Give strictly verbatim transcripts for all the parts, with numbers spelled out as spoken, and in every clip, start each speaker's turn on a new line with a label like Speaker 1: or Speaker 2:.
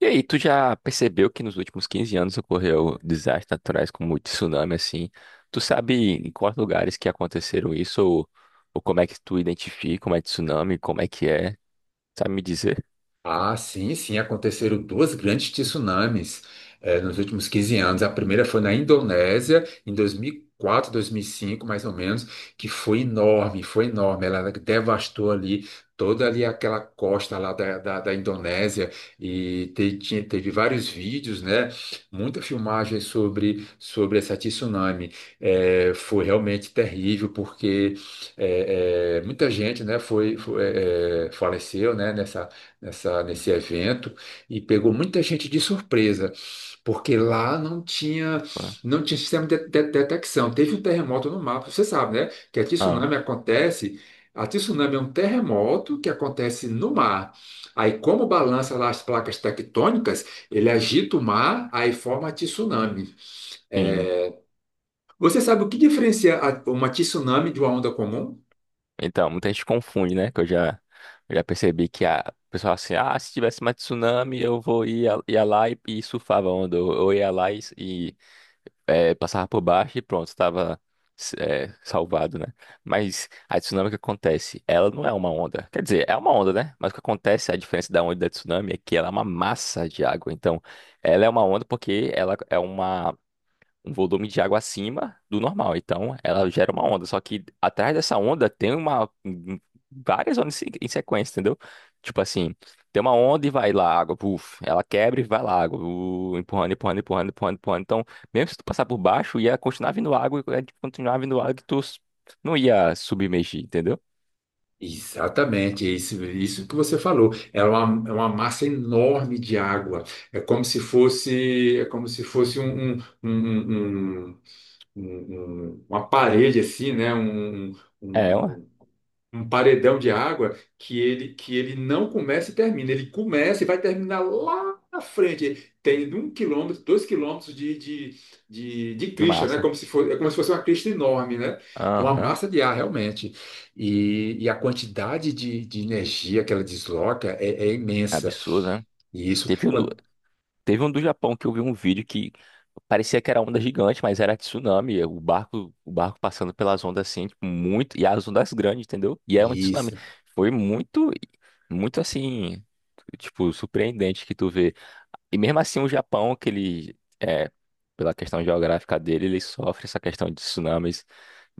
Speaker 1: E aí, tu já percebeu que nos últimos quinze anos ocorreu desastres naturais como tsunami, assim? Tu sabe em quais lugares que aconteceram isso? Ou, ou como é que tu identifica como é tsunami? Como é que é? Sabe me dizer?
Speaker 2: Ah, sim, sim, aconteceram duas grandes tsunamis eh, nos últimos quinze anos. A primeira foi na Indonésia, em dois dois mil mil e quatro, dois mil e cinco, mais ou menos, que foi enorme, foi enorme. Ela devastou ali toda ali aquela costa lá da, da, da Indonésia e te- tinha- teve vários vídeos, né? Muita filmagem sobre, sobre essa tsunami. Eh, foi realmente terrível, porque eh, eh, muita gente, né, foi, foi, eh, eh, faleceu, né, nessa, nesse evento e pegou muita gente de surpresa, porque lá não tinha,
Speaker 1: Ué.
Speaker 2: não tinha sistema de, de- detecção. Teve um terremoto no mapa, você sabe, né? Que a
Speaker 1: Ah,
Speaker 2: tsunami acontece. A tsunami é um terremoto que acontece no mar. Aí, como balança lá as placas tectônicas, ele agita o mar, aí forma a tsunami.
Speaker 1: sim.
Speaker 2: É. Você sabe o que diferencia a- uma tsunami de uma onda comum?
Speaker 1: Então, muita gente confunde, né? Que eu já, eu já percebi que a o pessoal assim, ah, se tivesse mais tsunami, eu vou ia, ia lá e, e surfava a onda. Ou eu ia lá e, é, passava por baixo e pronto, estava é, salvado, né? Mas a tsunami, o que acontece? Ela não é uma onda. Quer dizer, é uma onda, né? Mas o que acontece, a diferença da onda e da tsunami é que ela é uma massa de água. Então, ela é uma onda porque ela é uma um volume de água acima do normal. Então, ela gera uma onda. Só que atrás dessa onda tem uma um- um, várias ondas em se- em sequência, entendeu? Tipo assim, tem uma onda e vai lá água, puf, ela quebra e vai lá água, uh, empurrando, empurrando, empurrando, empurrando, empurrando. Então, mesmo se tu passar por baixo, ia continuar vindo água, ia continuar vindo água que tu s- não ia submergir, entendeu?
Speaker 2: Exatamente, é isso, isso que você falou. Ela é uma, é uma massa enorme de água. É como se fosse, é como se fosse um, um- um- um- um- um- um, uma parede assim, né? Um, um- um-
Speaker 1: É, ué,
Speaker 2: um, um paredão de água que ele que ele não começa e termina. Ele começa e vai terminar lá na frente. Tem um quilômetro, dois quilômetros de, de, de, de
Speaker 1: de
Speaker 2: crista, né?
Speaker 1: massa.
Speaker 2: Como se fosse, é como se fosse uma crista enorme, né? É uma
Speaker 1: Aham.
Speaker 2: massa de ar, realmente. E, e a quantidade de, de energia que ela desloca é, é imensa.
Speaker 1: Absurdo, né?
Speaker 2: E isso,
Speaker 1: Teve,
Speaker 2: quan-
Speaker 1: Teve um do Japão que eu vi um vídeo que parecia que era onda gigante, mas era tsunami. é, O barco, o barco passando pelas ondas assim, tipo, muito. E as ondas grandes, entendeu? E era um tsunami.
Speaker 2: isso.
Speaker 1: Foi muito, muito assim, tipo, surpreendente que tu vê. E mesmo assim, o Japão, que ele, é, pela questão geográfica dele, ele sofre essa questão de tsunamis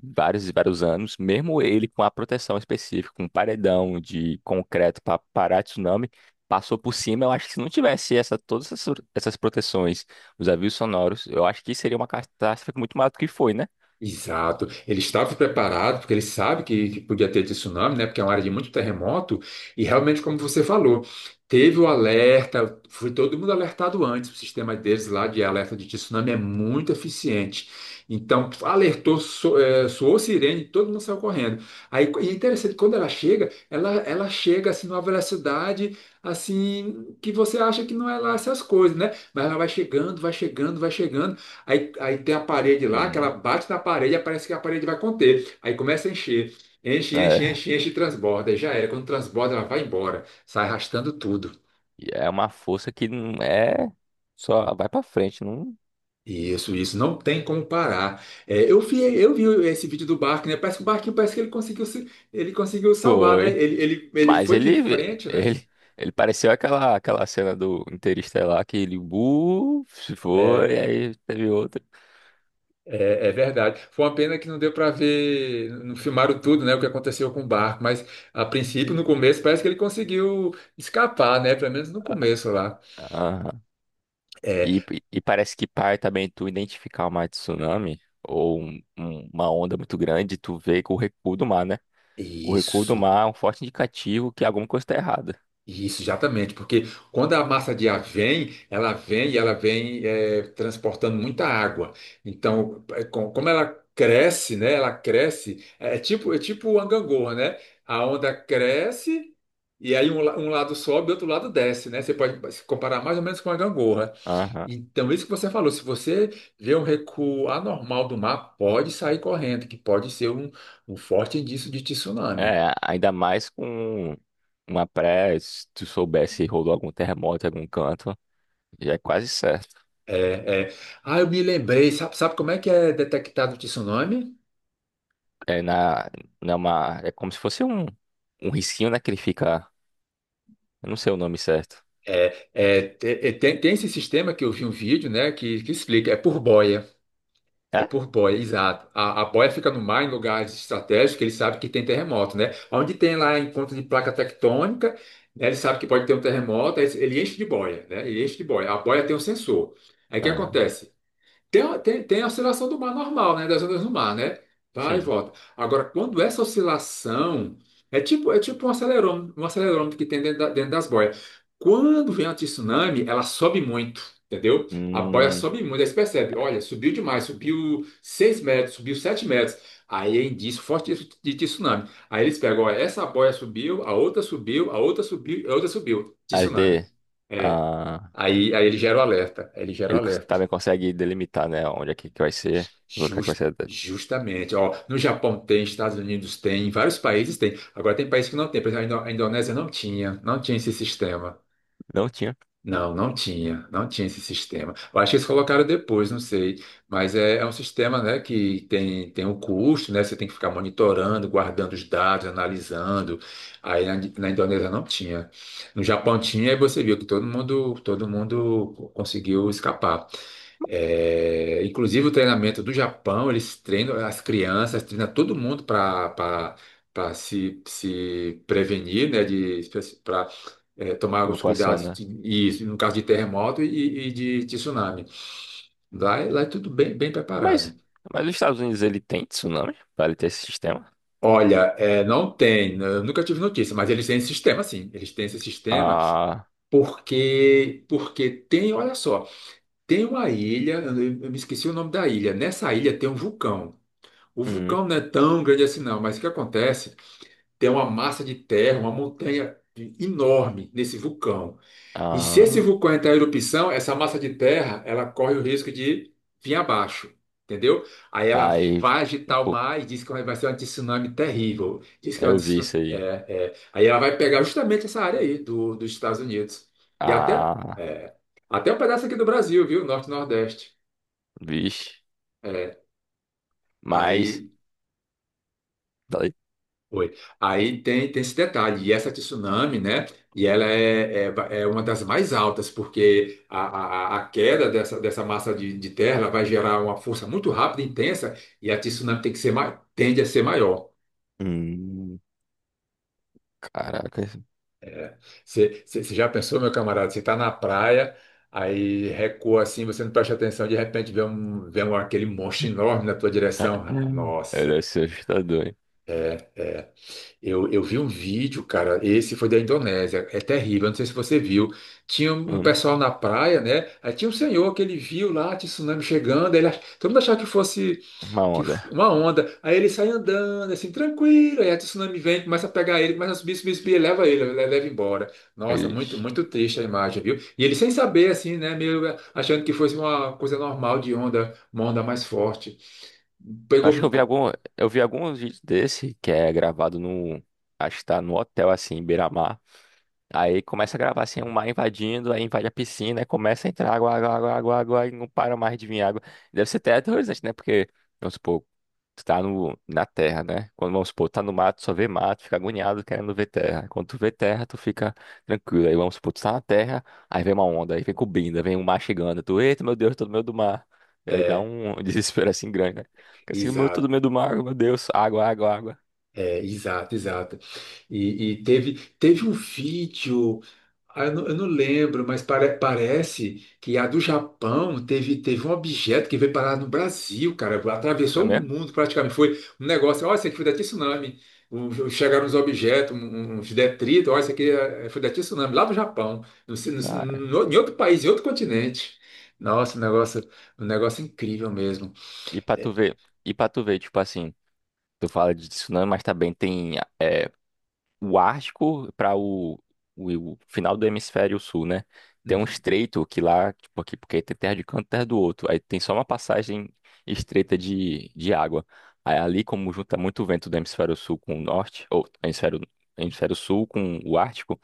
Speaker 1: vários e vários anos. Mesmo ele com a proteção específica, com um paredão de concreto para parar tsunami passou por cima. Eu acho que se não tivesse essa, todas essas, essas proteções, os avisos sonoros, eu acho que seria uma catástrofe muito maior do que foi, né?
Speaker 2: Exato. Ele estava preparado, porque ele sabe que, que podia ter tsunami, né? Porque é uma área de muito terremoto, e realmente, como você falou, teve o alerta, foi todo mundo alertado antes. O sistema deles lá de alerta de tsunami é muito eficiente. Então, alertou, so, eh, soou sirene, todo mundo saiu correndo. Aí, e é interessante, quando ela chega, ela, ela chega assim numa velocidade assim que você acha que não é lá essas coisas, né? Mas ela vai chegando, vai chegando, vai chegando. Aí, aí tem a parede lá, que ela
Speaker 1: Uhum.
Speaker 2: bate na parede, aí parece que a parede vai conter. Aí começa a encher. Enche, enche,
Speaker 1: É,
Speaker 2: enche, enche e transborda. Aí já era. Quando transborda, ela vai embora. Sai arrastando tudo.
Speaker 1: e é uma força que não é só vai pra frente, não.
Speaker 2: Isso, isso. Não tem como parar. É, eu vi, eu vi esse vídeo do barco, né? Parece que o barquinho, parece que ele conseguiu, se- ele conseguiu salvar, né?
Speaker 1: Foi.
Speaker 2: Ele, ele, ele
Speaker 1: Mas
Speaker 2: foi de
Speaker 1: ele,
Speaker 2: frente, né?
Speaker 1: ele, ele pareceu aquela, aquela cena do Interestelar que ele, uh, se
Speaker 2: É,
Speaker 1: foi, aí teve outra.
Speaker 2: é, é verdade. Foi uma pena que não deu para ver, não filmaram tudo, né, o que aconteceu com o barco, mas a princípio, no começo, parece que ele conseguiu escapar, né, pelo menos no começo lá.
Speaker 1: Aham.
Speaker 2: É,
Speaker 1: E, e parece que par também tu identificar uma tsunami ou um- um- uma onda muito grande, tu vê com o recuo do mar, né? O recuo do
Speaker 2: isso.
Speaker 1: mar é um forte indicativo que alguma coisa está errada.
Speaker 2: Isso, exatamente, porque quando a massa de ar vem, ela vem e ela vem eh, transportando muita água. Então, eh, com- como ela cresce, né? Ela cresce, é é tipo, é tipo o gangorra, né? A onda cresce e aí um, la- um lado sobe e outro lado desce, né? Você pode se comparar mais ou menos com a gangorra.
Speaker 1: Aham.
Speaker 2: Então, isso que você falou, se você vê um recuo anormal do mar, pode sair correndo, que pode ser um, um forte indício de tsunami.
Speaker 1: É, ainda mais com uma pré, se tu soubesse rolou algum terremoto em algum canto, já é quase certo.
Speaker 2: É, é. Ah, eu me lembrei. Sabe, sabe como é que é detectado o tsunami?
Speaker 1: É na, na uma, é como se fosse um, um, risquinho, né, que ele fica, eu não sei o nome certo.
Speaker 2: É, é, te- é, tem, tem esse sistema que eu vi um vídeo, né, que, que explica. É por boia. É
Speaker 1: É?
Speaker 2: por boia, exato. A, a boia fica no mar, em lugares estratégicos, que ele sabe que tem terremoto, né? Onde tem lá encontro de placa tectônica, né, ele sabe que pode ter um terremoto, aí ele enche de boia, né? Ele enche de boia. A boia tem um sensor. Aí o que
Speaker 1: Aham.
Speaker 2: acontece? Tem, tem, tem a oscilação do mar normal, né? Das ondas do mar, né? Vai e
Speaker 1: Sim.
Speaker 2: volta. Agora, quando essa oscilação é tipo, é tipo um acelerômetro, um acelerômetro que tem dentro, da- dentro das boias. Quando vem a tsunami, ela sobe muito, entendeu? A boia
Speaker 1: Hum,
Speaker 2: sobe muito, aí você percebe, olha, subiu demais, subiu seis metros, subiu sete metros. Aí é indício forte de de tsunami. Aí eles pegam, olha, essa boia subiu, a outra subiu, a outra subiu, a outra subiu.
Speaker 1: as
Speaker 2: Tsunami.
Speaker 1: D.
Speaker 2: É.
Speaker 1: Ah.
Speaker 2: Aí, aí ele gera o alerta. Aí ele gera o
Speaker 1: Ele cons-
Speaker 2: alerta.
Speaker 1: também consegue delimitar, né? Onde é que, que vai ser, o lugar que vai
Speaker 2: Jus-
Speaker 1: ser.
Speaker 2: justamente. Ó, no Japão tem, Estados Unidos tem, vários países tem. Agora tem países que não tem. Por exemplo, a Indo- a Indonésia não tinha, não tinha esse sistema.
Speaker 1: Não tinha
Speaker 2: Não, não tinha, não tinha esse sistema. Eu acho que eles colocaram depois, não sei. Mas é, é um sistema, né, que tem, tem um custo, né? Você tem que ficar monitorando, guardando os dados, analisando. Aí na, na Indonésia não tinha. No Japão tinha, e você viu que todo mundo, todo mundo conseguiu escapar. É, inclusive o treinamento do Japão, eles treinam as crianças, treinam todo mundo para para se, se prevenir, né, de é, tomar os
Speaker 1: evacuação,
Speaker 2: cuidados
Speaker 1: né?
Speaker 2: de- e, no caso de terremoto e, e de, de tsunami. Lá, é- lá é tudo bem, bem preparado.
Speaker 1: Mas, mas os Estados Unidos, ele tem tsunami, pra ele ter esse sistema.
Speaker 2: Olha, é, não tem, eu nunca tive notícia, mas eles têm esse sistema, sim. Eles têm esse sistema
Speaker 1: Ah.
Speaker 2: porque, porque tem, olha só, tem uma ilha, eu, eu me esqueci o nome da ilha. Nessa ilha tem um vulcão. O
Speaker 1: Hum.
Speaker 2: vulcão não é tão grande assim, não, mas o que acontece? Tem uma massa de terra, uma montanha enorme nesse vulcão. E se esse
Speaker 1: Ah,
Speaker 2: vulcão entrar em erupção, essa massa de terra, ela corre o risco de vir abaixo, entendeu? Aí ela
Speaker 1: aí,
Speaker 2: vai agitar o
Speaker 1: pô,
Speaker 2: mar e diz que vai ser um tsunami terrível. Diz que é uma
Speaker 1: eu vi
Speaker 2: tsu-
Speaker 1: isso
Speaker 2: é,
Speaker 1: aí.
Speaker 2: é. Aí ela vai pegar justamente essa área aí do, dos Estados Unidos. E até,
Speaker 1: Ah,
Speaker 2: é, até um pedaço aqui do Brasil, viu? Norte e Nordeste.
Speaker 1: vixe.
Speaker 2: É.
Speaker 1: Mas,
Speaker 2: Aí
Speaker 1: falei,
Speaker 2: foi. Aí tem, tem esse detalhe, e essa tsunami, né? E ela é, é, va- é uma das mais altas, porque a, a, a queda dessa, dessa massa de, de terra ela vai gerar uma força muito rápida e intensa, e a tsunami tem que ser, ma- tende a ser maior.
Speaker 1: hum, caraca, isso-
Speaker 2: Você você- você já pensou, meu camarada? Você está na praia, aí recua assim, você não presta atenção, de repente vê, um, vê um, aquele monstro enorme na tua direção. Ah,
Speaker 1: Hum. Ele deve
Speaker 2: nossa!
Speaker 1: ser assustador, hein?
Speaker 2: Eu, eu vi um vídeo, cara. Esse foi da Indonésia. É terrível. Eu não sei se você viu. Tinha um
Speaker 1: Hum,
Speaker 2: pessoal na praia, né? Aí tinha um senhor que ele viu lá, tinha tsunami chegando. Ele, ach- todo mundo achava que fosse
Speaker 1: uma
Speaker 2: que f-
Speaker 1: onda.
Speaker 2: uma onda. Aí ele sai andando, assim, tranquilo. Aí a tsunami vem, começa a pegar ele, começa a subir, subir, subir, e leva ele, le- leva embora. Nossa,
Speaker 1: Ixi.
Speaker 2: muito, muito triste a imagem, viu? E ele sem saber, assim, né? Meio achando que fosse uma coisa normal de onda, uma onda mais forte. Pegou
Speaker 1: Acho que eu vi
Speaker 2: muito.
Speaker 1: algum, eu vi alguns vídeos desse que é gravado no, acho que tá no hotel assim, em beira. Aí começa a gravar assim, um mar invadindo, aí invade a piscina, aí começa a entrar água, água, água, água, água, e não para mais de vir água. Deve ser até aterrorizante, né? Porque, vamos supor, tu tá no, na terra, né? Quando, vamos supor, tá no mato, só vê mato, fica agoniado querendo ver terra. Quando tu vê terra, tu fica tranquilo. Aí, vamos supor, tu tá na terra, aí vem uma onda, aí vem cobrindo, aí vem um mar chegando. Tu, eita, meu Deus, tô no meio do mar. E aí dá
Speaker 2: É,
Speaker 1: um desespero assim grande, né? Fica assim, meu, tô no meio do mar, meu Deus, água, água, água.
Speaker 2: é, exato, exato. E, e teve, teve um vídeo, ah, eu não, eu não lembro, mas pare- parece que a do Japão teve, teve um objeto que veio parar no Brasil, cara,
Speaker 1: Foi
Speaker 2: atravessou o
Speaker 1: mesmo?
Speaker 2: mundo praticamente. Foi um negócio, olha, isso aqui foi da tsunami. Um- Chegaram uns objetos, um- um, uns detritos, olha, isso aqui é- foi da tsunami, lá do Japão, no,
Speaker 1: Cara,
Speaker 2: no- no- em outro país, em outro continente. Nossa, um negócio, um negócio incrível mesmo.
Speaker 1: e pra tu ver, e pra tu ver, tipo assim. Tu fala de tsunami, mas também tem é, o Ártico para o, o, o, final do hemisfério sul, né? Tem um
Speaker 2: Hum,
Speaker 1: estreito que lá, tipo aqui, porque tem terra de um canto e terra do outro. Aí tem só uma passagem estreita de, de água. Aí ali, como junta muito vento do hemisfério sul com o norte, ou hemisfério, hemisfério sul com o Ártico,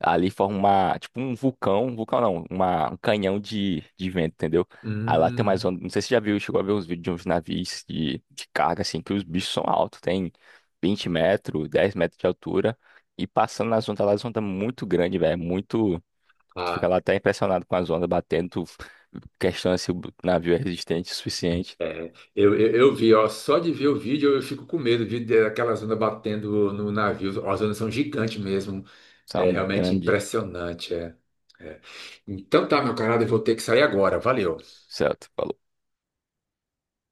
Speaker 1: ali forma uma, tipo um vulcão, um vulcão não, uma, um canhão de, de vento, entendeu? Aí lá tem mais
Speaker 2: hum,
Speaker 1: onda, não sei se você já viu, chegou a ver uns vídeos de uns navios de, de carga, assim, que os bichos são altos, tem vinte metros, dez metros de altura, e passando nas ondas lá, as ondas muito grandes, velho, é muito... Tu fica
Speaker 2: claro.
Speaker 1: lá até impressionado com as ondas batendo, tu questiona se o navio é resistente o suficiente,
Speaker 2: É, eu, eu, eu vi, ó, só de ver o vídeo eu fico com medo de de- daquelas ondas batendo no navio. Ó, as ondas são gigantes mesmo. É
Speaker 1: são
Speaker 2: realmente
Speaker 1: grande,
Speaker 2: impressionante. É, é. Então tá, meu camarada, eu vou ter que sair agora. Valeu.
Speaker 1: certo?